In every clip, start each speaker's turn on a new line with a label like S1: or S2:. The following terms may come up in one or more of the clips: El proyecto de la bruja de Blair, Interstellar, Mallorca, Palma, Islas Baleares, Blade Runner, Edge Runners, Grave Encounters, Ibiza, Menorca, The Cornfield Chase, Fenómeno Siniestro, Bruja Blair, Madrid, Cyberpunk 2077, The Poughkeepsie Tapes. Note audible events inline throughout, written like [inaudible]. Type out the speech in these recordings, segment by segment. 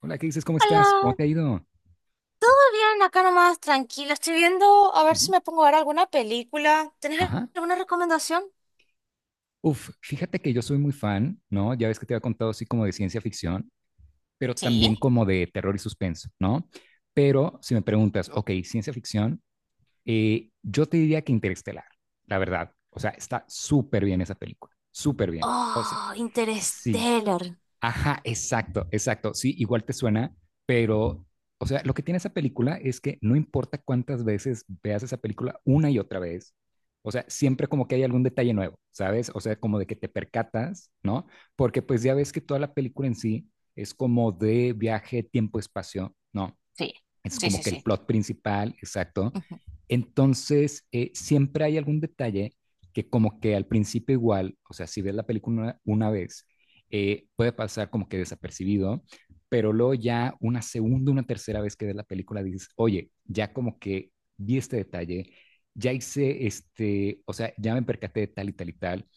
S1: Hola, ¿qué dices? ¿Cómo estás?
S2: Hola,
S1: ¿Cómo te ha ido?
S2: ¿todo bien? Acá nomás, tranquilo. Estoy viendo a ver si
S1: Ujú.
S2: me pongo a ver alguna película. ¿Tenés
S1: Ajá.
S2: alguna recomendación?
S1: Uf, fíjate que yo soy muy fan, ¿no? Ya ves que te había contado así como de ciencia ficción, pero también
S2: Sí.
S1: como de terror y suspenso, ¿no? Pero si me preguntas, ok, ciencia ficción, yo te diría que Interestelar, la verdad. O sea, está súper bien esa película, súper bien. O sea,
S2: Oh,
S1: sí,
S2: Interstellar.
S1: ajá, exacto, exacto. Sí, igual te suena, pero, o sea, lo que tiene esa película es que no importa cuántas veces veas esa película una y otra vez, o sea, siempre como que hay algún detalle nuevo, ¿sabes? O sea, como de que te percatas, ¿no? Porque pues ya ves que toda la película en sí es como de viaje, tiempo, espacio, ¿no?
S2: Sí,
S1: Es
S2: sí,
S1: como
S2: sí,
S1: que el
S2: sí.
S1: plot principal, exacto.
S2: Ujú.
S1: Entonces, siempre hay algún detalle que como que al principio igual, o sea, si ves la película una vez, puede pasar como que desapercibido, pero luego ya una segunda, una tercera vez que ves la película dices, oye, ya como que vi este detalle, ya hice este, o sea, ya me percaté de tal y tal y tal,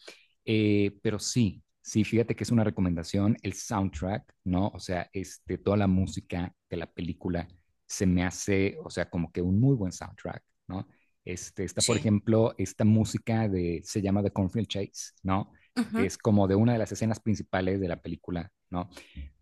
S1: Pero sí, sí, fíjate que es una recomendación, el soundtrack, ¿no? O sea, este, toda la música de la película se me hace, o sea, como que un muy buen soundtrack, ¿no? Este, está, por
S2: Sí.
S1: ejemplo, esta música de, se llama The Cornfield Chase, ¿no? Que
S2: Ujú.
S1: es como de una de las escenas principales de la película, ¿no?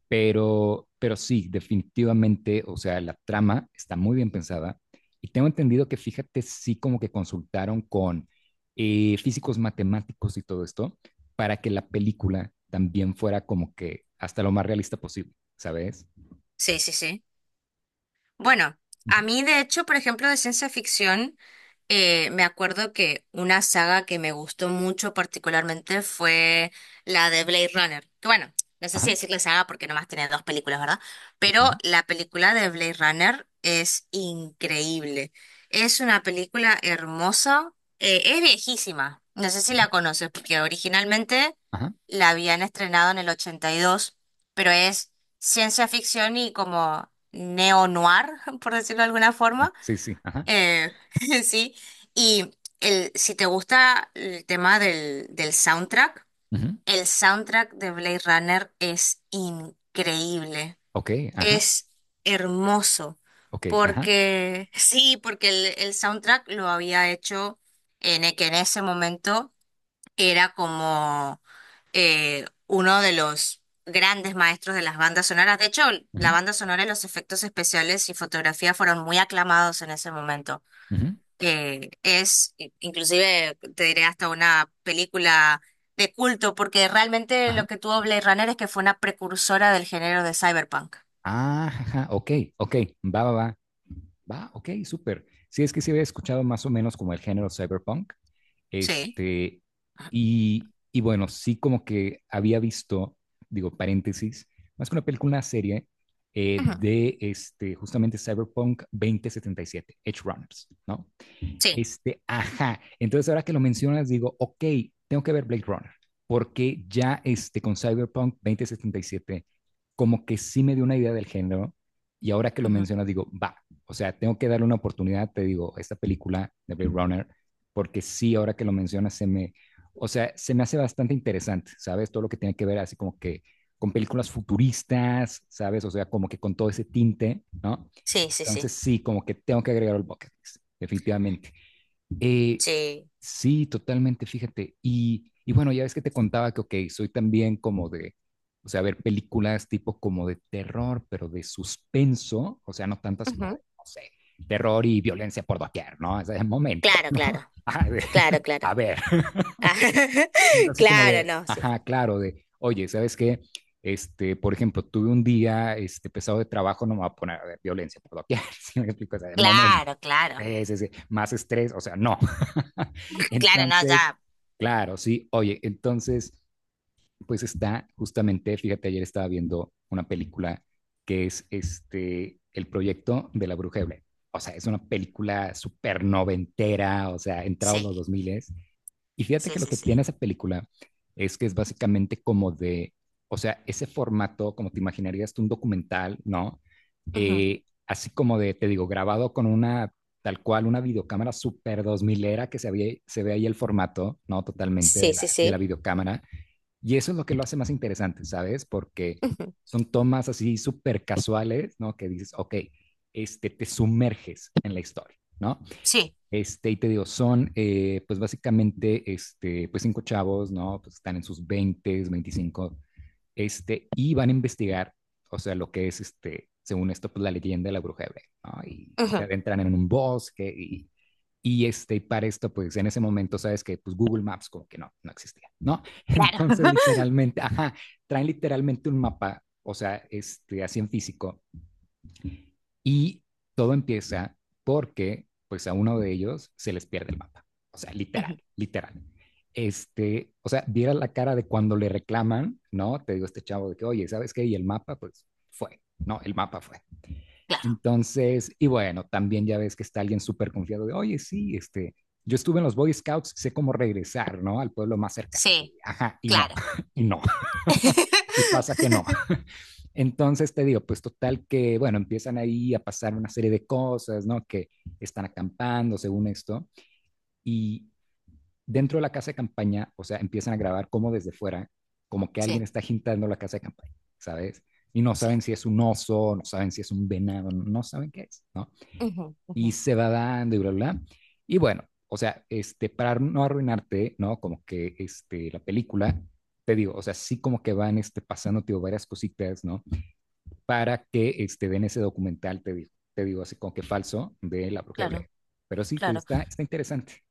S1: Pero sí, definitivamente, o sea, la trama está muy bien pensada. Y tengo entendido que, fíjate, sí como que consultaron con físicos matemáticos y todo esto para que la película también fuera como que hasta lo más realista posible, ¿sabes?
S2: Sí, sí, sí. Bueno, a mí de hecho, por ejemplo, de ciencia ficción, me acuerdo que una saga que me gustó mucho particularmente fue la de Blade Runner. Que bueno, no sé si
S1: Ajá,
S2: decirle saga porque nomás tiene dos películas, ¿verdad?
S1: sí,
S2: Pero
S1: ajá,
S2: la película de Blade Runner es increíble. Es una película hermosa, es viejísima. No sé si la conoces porque originalmente
S1: ajá.
S2: la habían estrenado en el 82, pero es ciencia ficción y como neo-noir, [laughs] por decirlo de alguna forma.
S1: Ajá, sí, sí, ajá.
S2: Eh, [laughs] sí. Y si te gusta el tema del soundtrack,
S1: Ujú.
S2: el soundtrack de Blade Runner es increíble.
S1: Ok, ajá,
S2: Es hermoso.
S1: ok, ajá.
S2: Porque, [laughs] sí, porque el soundtrack lo había hecho que en ese momento era como uno de los grandes maestros de las bandas sonoras. De hecho, la
S1: Ujú,
S2: banda sonora y los efectos especiales y fotografía fueron muy aclamados en ese momento.
S1: ujú,
S2: Inclusive, te diré hasta una película de culto, porque realmente lo
S1: ajá.
S2: que tuvo Blade Runner es que fue una precursora del género de cyberpunk.
S1: Ah, ajá, ok, ok, va, va, va, va, ok, súper. Sí, es que sí había escuchado más o menos como el género cyberpunk,
S2: Sí.
S1: este, y bueno, sí como que había visto, digo, paréntesis, más que una película, una serie
S2: Ujú.
S1: de este, justamente Cyberpunk 2077 Edge Runners, ¿no?
S2: Sí.
S1: Este, ajá. Entonces, ahora que lo mencionas, digo, ok, tengo que ver Blade Runner, porque ya este, con Cyberpunk 2077, como que sí me dio una idea del género, y ahora que lo
S2: Ujú.
S1: mencionas, digo, va, o sea, tengo que darle una oportunidad, te digo, a esta película de Blade Runner, porque sí, ahora que lo mencionas, se me, o sea, se me hace bastante interesante, ¿sabes? Todo lo que tiene que ver así como que con películas futuristas, ¿sabes? O sea, como que con todo ese tinte, ¿no?
S2: Sí, sí, sí.
S1: Entonces sí, como que tengo que agregar el bucket list, definitivamente. Eh,
S2: Sí.
S1: sí, totalmente, fíjate. Y bueno, ya ves que te contaba que, ok, soy también como de, o sea, ver películas tipo como de terror, pero de suspenso, o sea, no tanto así como
S2: Ujú.
S1: de, no sé, terror y violencia por doquier, ¿no? Ese es el momento,
S2: Claro,
S1: ¿no?
S2: claro.
S1: [laughs] Ajá, de-
S2: Claro,
S1: a
S2: claro.
S1: ver,
S2: Ah,
S1: es
S2: [laughs]
S1: así como
S2: claro,
S1: de,
S2: no, sí.
S1: ajá, claro, de, oye, ¿sabes qué? Este, por ejemplo, tuve un día este, pesado de trabajo, no me voy a poner a ver violencia por doquier, [laughs] si me explico, o sea, de momento.
S2: Claro, claro.
S1: Sí, sí, sí, más estrés, o sea, no. [laughs]
S2: Claro, no,
S1: Entonces,
S2: ya.
S1: claro, sí, oye, entonces, pues está justamente, fíjate, ayer estaba viendo una película que es este, el proyecto de la bruja de Blair. O sea, es una película súper noventera, o sea, entrados los
S2: Sí,
S1: 2000 y fíjate
S2: sí,
S1: que lo
S2: sí,
S1: que
S2: sí.
S1: tiene esa película es que es básicamente como de, o sea, ese formato, como te imaginarías tú un documental, ¿no?
S2: Ujú.
S1: Así como de, te digo, grabado con una, tal cual, una videocámara super dos milera que se, se ve ahí el formato, ¿no? Totalmente
S2: Sí,
S1: de la,
S2: sí,
S1: de la
S2: sí.
S1: videocámara. Y eso es lo que lo hace más interesante, ¿sabes? Porque
S2: Ujú.
S1: son tomas así súper casuales, ¿no? Que dices, ok, este, te sumerges en la historia, ¿no?
S2: Sí.
S1: Este, y te digo, son pues básicamente este, pues cinco chavos, ¿no? Pues están en sus 20, 25 este, y van a investigar, o sea, lo que es, este, según esto, pues la leyenda de la bruja de Blair, ¿no? Y se
S2: Ujú.
S1: adentran en un bosque y este, y para esto, pues en ese momento, sabes que pues Google Maps como que no, no existía, ¿no? [laughs]
S2: Claro.
S1: Entonces,
S2: [laughs]
S1: literalmente, ajá, traen literalmente un mapa, o sea, este, así en físico, y todo empieza porque, pues, a uno de ellos se les pierde el mapa. O sea, literal,
S2: Ujú.
S1: literal. Este, o sea, viera la cara de cuando le reclaman, ¿no? Te digo este chavo de que, oye, ¿sabes qué? Y el mapa, pues, fue, ¿no? El mapa fue.
S2: Claro.
S1: Entonces, y bueno, también ya ves que está alguien súper confiado de, oye, sí, este, yo estuve en los Boy Scouts, sé cómo regresar, ¿no? Al pueblo más cercano.
S2: Sí,
S1: Ajá, y no,
S2: claro.
S1: [laughs] y no. Y pasa que no,
S2: [laughs]
S1: entonces te digo, pues total que, bueno, empiezan ahí a pasar una serie de cosas, ¿no? Que están acampando según esto. Y dentro de la casa de campaña, o sea, empiezan a grabar como desde fuera, como que alguien
S2: Sí,
S1: está agitando la casa de campaña, ¿sabes? Y no
S2: sí.
S1: saben si es un oso, no saben si es un venado, no saben qué es.
S2: Ujú, ujú.
S1: Y se va dando y bla, bla, bla. Y bueno, o sea, este, para no arruinarte, ¿no? Como que este, la película, te digo, o sea, sí como que van este, pasando, tío, varias cositas, ¿no? Para que este, ven ese documental, te digo así con que falso, de la bruja de
S2: Claro,
S1: Blair. Pero sí, te-
S2: claro.
S1: está, está interesante.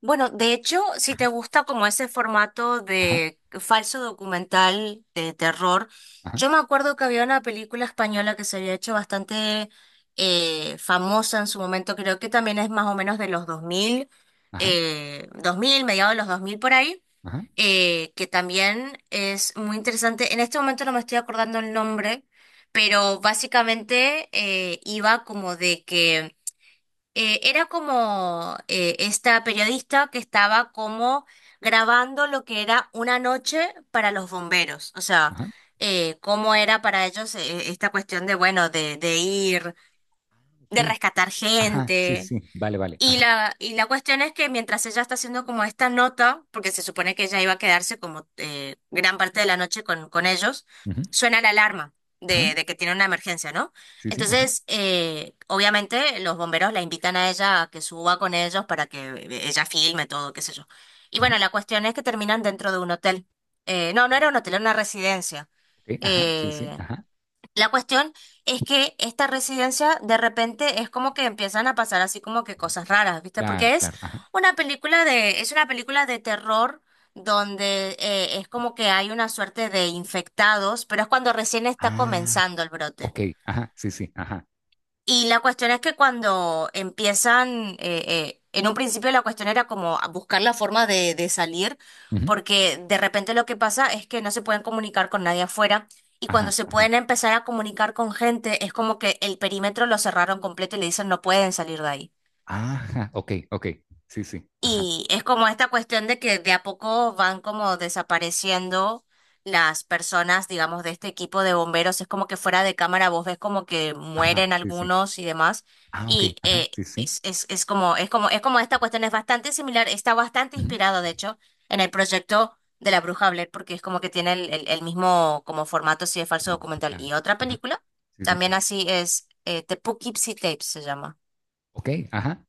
S2: Bueno, de hecho, si
S1: Ajá,
S2: te gusta como ese formato
S1: ajá,
S2: de falso documental de terror,
S1: ajá,
S2: yo me acuerdo que había una película española que se había hecho bastante famosa en su momento, creo que también es más o menos de los 2000,
S1: ajá,
S2: mediados de los 2000 por ahí,
S1: ajá,
S2: que también es muy interesante. En este momento no me estoy acordando el nombre, pero básicamente iba como de que era como esta periodista que estaba como grabando lo que era una noche para los bomberos, o sea,
S1: ajá.
S2: cómo era para ellos esta cuestión de, bueno, de ir,
S1: Ah,
S2: de
S1: ok,
S2: rescatar
S1: ajá, sí,
S2: gente.
S1: sí, sí, vale, vale, ajá,
S2: Y la cuestión es que mientras ella está haciendo como esta nota, porque se supone que ella iba a quedarse como gran parte de la noche con ellos,
S1: ujú,
S2: suena la alarma
S1: ajá,
S2: de que tiene una emergencia, ¿no?
S1: sí, sí, ajá,
S2: Entonces, obviamente los bomberos la invitan a ella a que suba con ellos para que ella filme todo, qué sé yo. Y
S1: ajá,
S2: bueno, la cuestión es que terminan dentro de un hotel. No, no era un hotel, era una residencia.
S1: ok, ajá, sí, sí,
S2: Eh,
S1: ajá,
S2: la cuestión es que esta residencia de repente es como que empiezan a pasar así como que cosas raras, ¿viste?
S1: claro,
S2: Porque es
S1: claro, ajá,
S2: es una película de terror donde es como que hay una suerte de infectados, pero es cuando recién está
S1: ah,
S2: comenzando el brote.
S1: ok, ajá, sí, sí, ajá,
S2: Y la cuestión es que cuando empiezan, en un principio la cuestión era como a buscar la forma de salir,
S1: ujú,
S2: porque de repente lo que pasa es que no se pueden comunicar con nadie afuera y cuando
S1: ajá,
S2: se
S1: ajá,
S2: pueden empezar a comunicar con gente es como que el perímetro lo cerraron completo y le dicen no pueden salir de ahí.
S1: ajá, ok, ok, sí, sí, ajá,
S2: Y es como esta cuestión de que de a poco van como desapareciendo las personas, digamos, de este equipo de bomberos. Es como que fuera de cámara vos ves como que
S1: ajá,
S2: mueren
S1: sí, sí,
S2: algunos y demás.
S1: ah, ok,
S2: Y
S1: ajá,
S2: eh,
S1: sí, sí,
S2: es, es, es como, es como, es como esta cuestión es bastante similar, está bastante
S1: ujú,
S2: inspirado, de hecho, en el proyecto de la Bruja Blair, porque es como que tiene el mismo como formato así de falso
S1: formato,
S2: documental.
S1: claro,
S2: Y otra
S1: ajá,
S2: película,
S1: sí, sí,
S2: también
S1: ajá.
S2: así es, The Poughkeepsie Tapes se llama.
S1: Ok, ajá,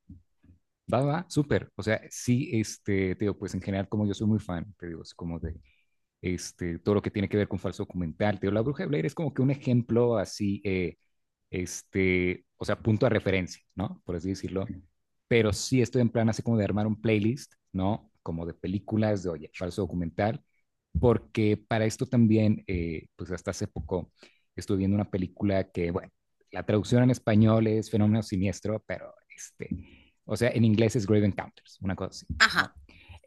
S1: va, va, súper. O sea, sí, este, te digo, pues en general, como yo soy muy fan, te digo, es como de, este, todo lo que tiene que ver con falso documental. Te digo, la bruja de Blair es como que un ejemplo así, este, o sea, punto de referencia, ¿no? Por así decirlo. Pero sí estoy en plan así como de armar un playlist, ¿no? Como de películas de, oye, falso documental, porque para esto también, pues hasta hace poco estuve viendo una película que, bueno, la traducción en español es Fenómeno Siniestro, pero este, o sea, en inglés es Grave Encounters, una cosa así,
S2: Ajá.
S1: ¿no?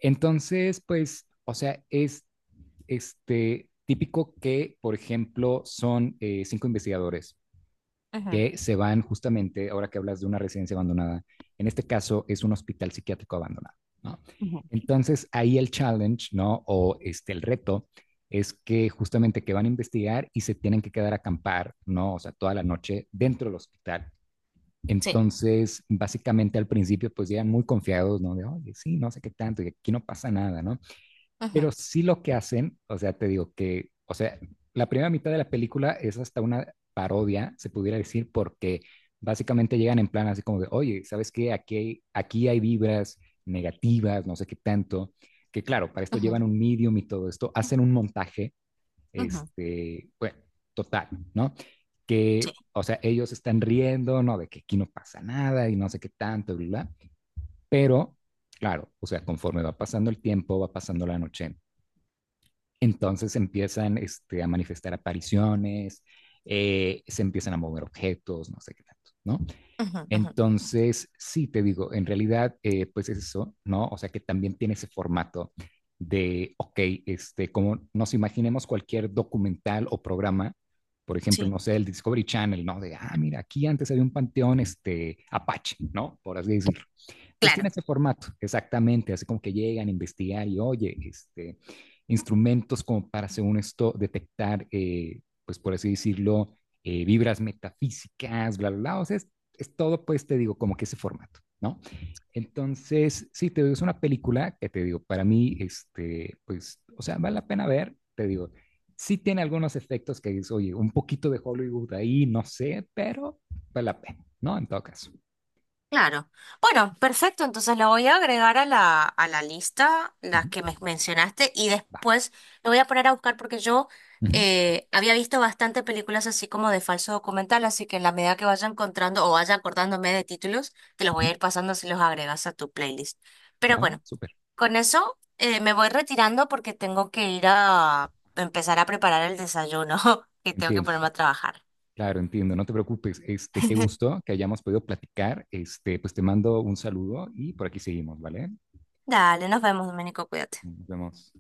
S1: Entonces, pues, o sea, es este, típico que, por ejemplo, son cinco investigadores
S2: Ujú.
S1: que se van justamente, ahora que hablas de una residencia abandonada, en este caso es un hospital psiquiátrico abandonado, ¿no?
S2: Ujú.
S1: Entonces, ahí el challenge, ¿no? O este, el reto es que justamente que van a investigar y se tienen que quedar a acampar, ¿no? O sea, toda la noche dentro del hospital.
S2: Sí.
S1: Entonces, básicamente al principio, pues llegan muy confiados, ¿no? De, oye, sí, no sé qué tanto, y aquí no pasa nada, ¿no?
S2: Ujú,
S1: Pero sí lo que hacen, o sea, te digo que, o sea, la primera mitad de la película es hasta una parodia, se pudiera decir, porque básicamente llegan en plan así como de, oye, ¿sabes qué? Aquí hay vibras negativas, no sé qué tanto, que claro, para esto
S2: ujú.
S1: llevan un medium y todo esto, hacen un montaje,
S2: Ujú,
S1: este, bueno, total, ¿no? Que, o sea, ellos están riendo, ¿no? De que aquí no pasa nada y no sé qué tanto, bla, bla, bla. Pero, claro, o sea, conforme va pasando el tiempo, va pasando la noche, entonces empiezan este, a manifestar apariciones, se empiezan a mover objetos, no sé qué tanto, ¿no?
S2: ujú, ujú.
S1: Entonces, sí, te digo, en realidad, pues es eso, ¿no? O sea que también tiene ese formato de, ok, este, como nos imaginemos cualquier documental o programa, por ejemplo,
S2: Sí,
S1: no sé, el Discovery Channel, ¿no? De, ah, mira, aquí antes había un panteón, este, Apache, ¿no? Por así decirlo. Pues
S2: claro,
S1: tiene ese formato, exactamente, así como que llegan a investigar y oye, este, instrumentos como para, según esto, detectar, pues por así decirlo, vibras metafísicas, bla, bla, bla, o sea, es todo, pues te digo, como que ese formato, ¿no? Entonces, sí, te digo, es una película que te digo, para mí, este, pues, o sea, vale la pena ver, te digo, sí tiene algunos efectos que es, oye, un poquito de Hollywood ahí, no sé, pero vale la pena, ¿no? En todo caso.
S2: claro. Bueno, perfecto. Entonces la voy a agregar a la lista,
S1: Uh
S2: las que
S1: -huh.
S2: me mencionaste, y
S1: Va.
S2: después lo voy a poner a buscar porque yo
S1: Uh -huh.
S2: había visto bastante películas así como de falso documental, así que en la medida que vaya encontrando o vaya acordándome de títulos, te los
S1: Uh
S2: voy a
S1: -huh.
S2: ir pasando si los agregas a tu playlist. Pero
S1: Ah,
S2: bueno,
S1: súper.
S2: con eso me voy retirando porque tengo que ir a empezar a preparar el desayuno, [laughs] que tengo que
S1: Entiendo.
S2: ponerme a trabajar.
S1: Claro, entiendo. No te preocupes. Este, qué gusto que hayamos podido platicar. Este, pues te mando un saludo y por aquí seguimos, ¿vale?
S2: Dale, nos vemos, Domenico, cuídate.
S1: Nos vemos.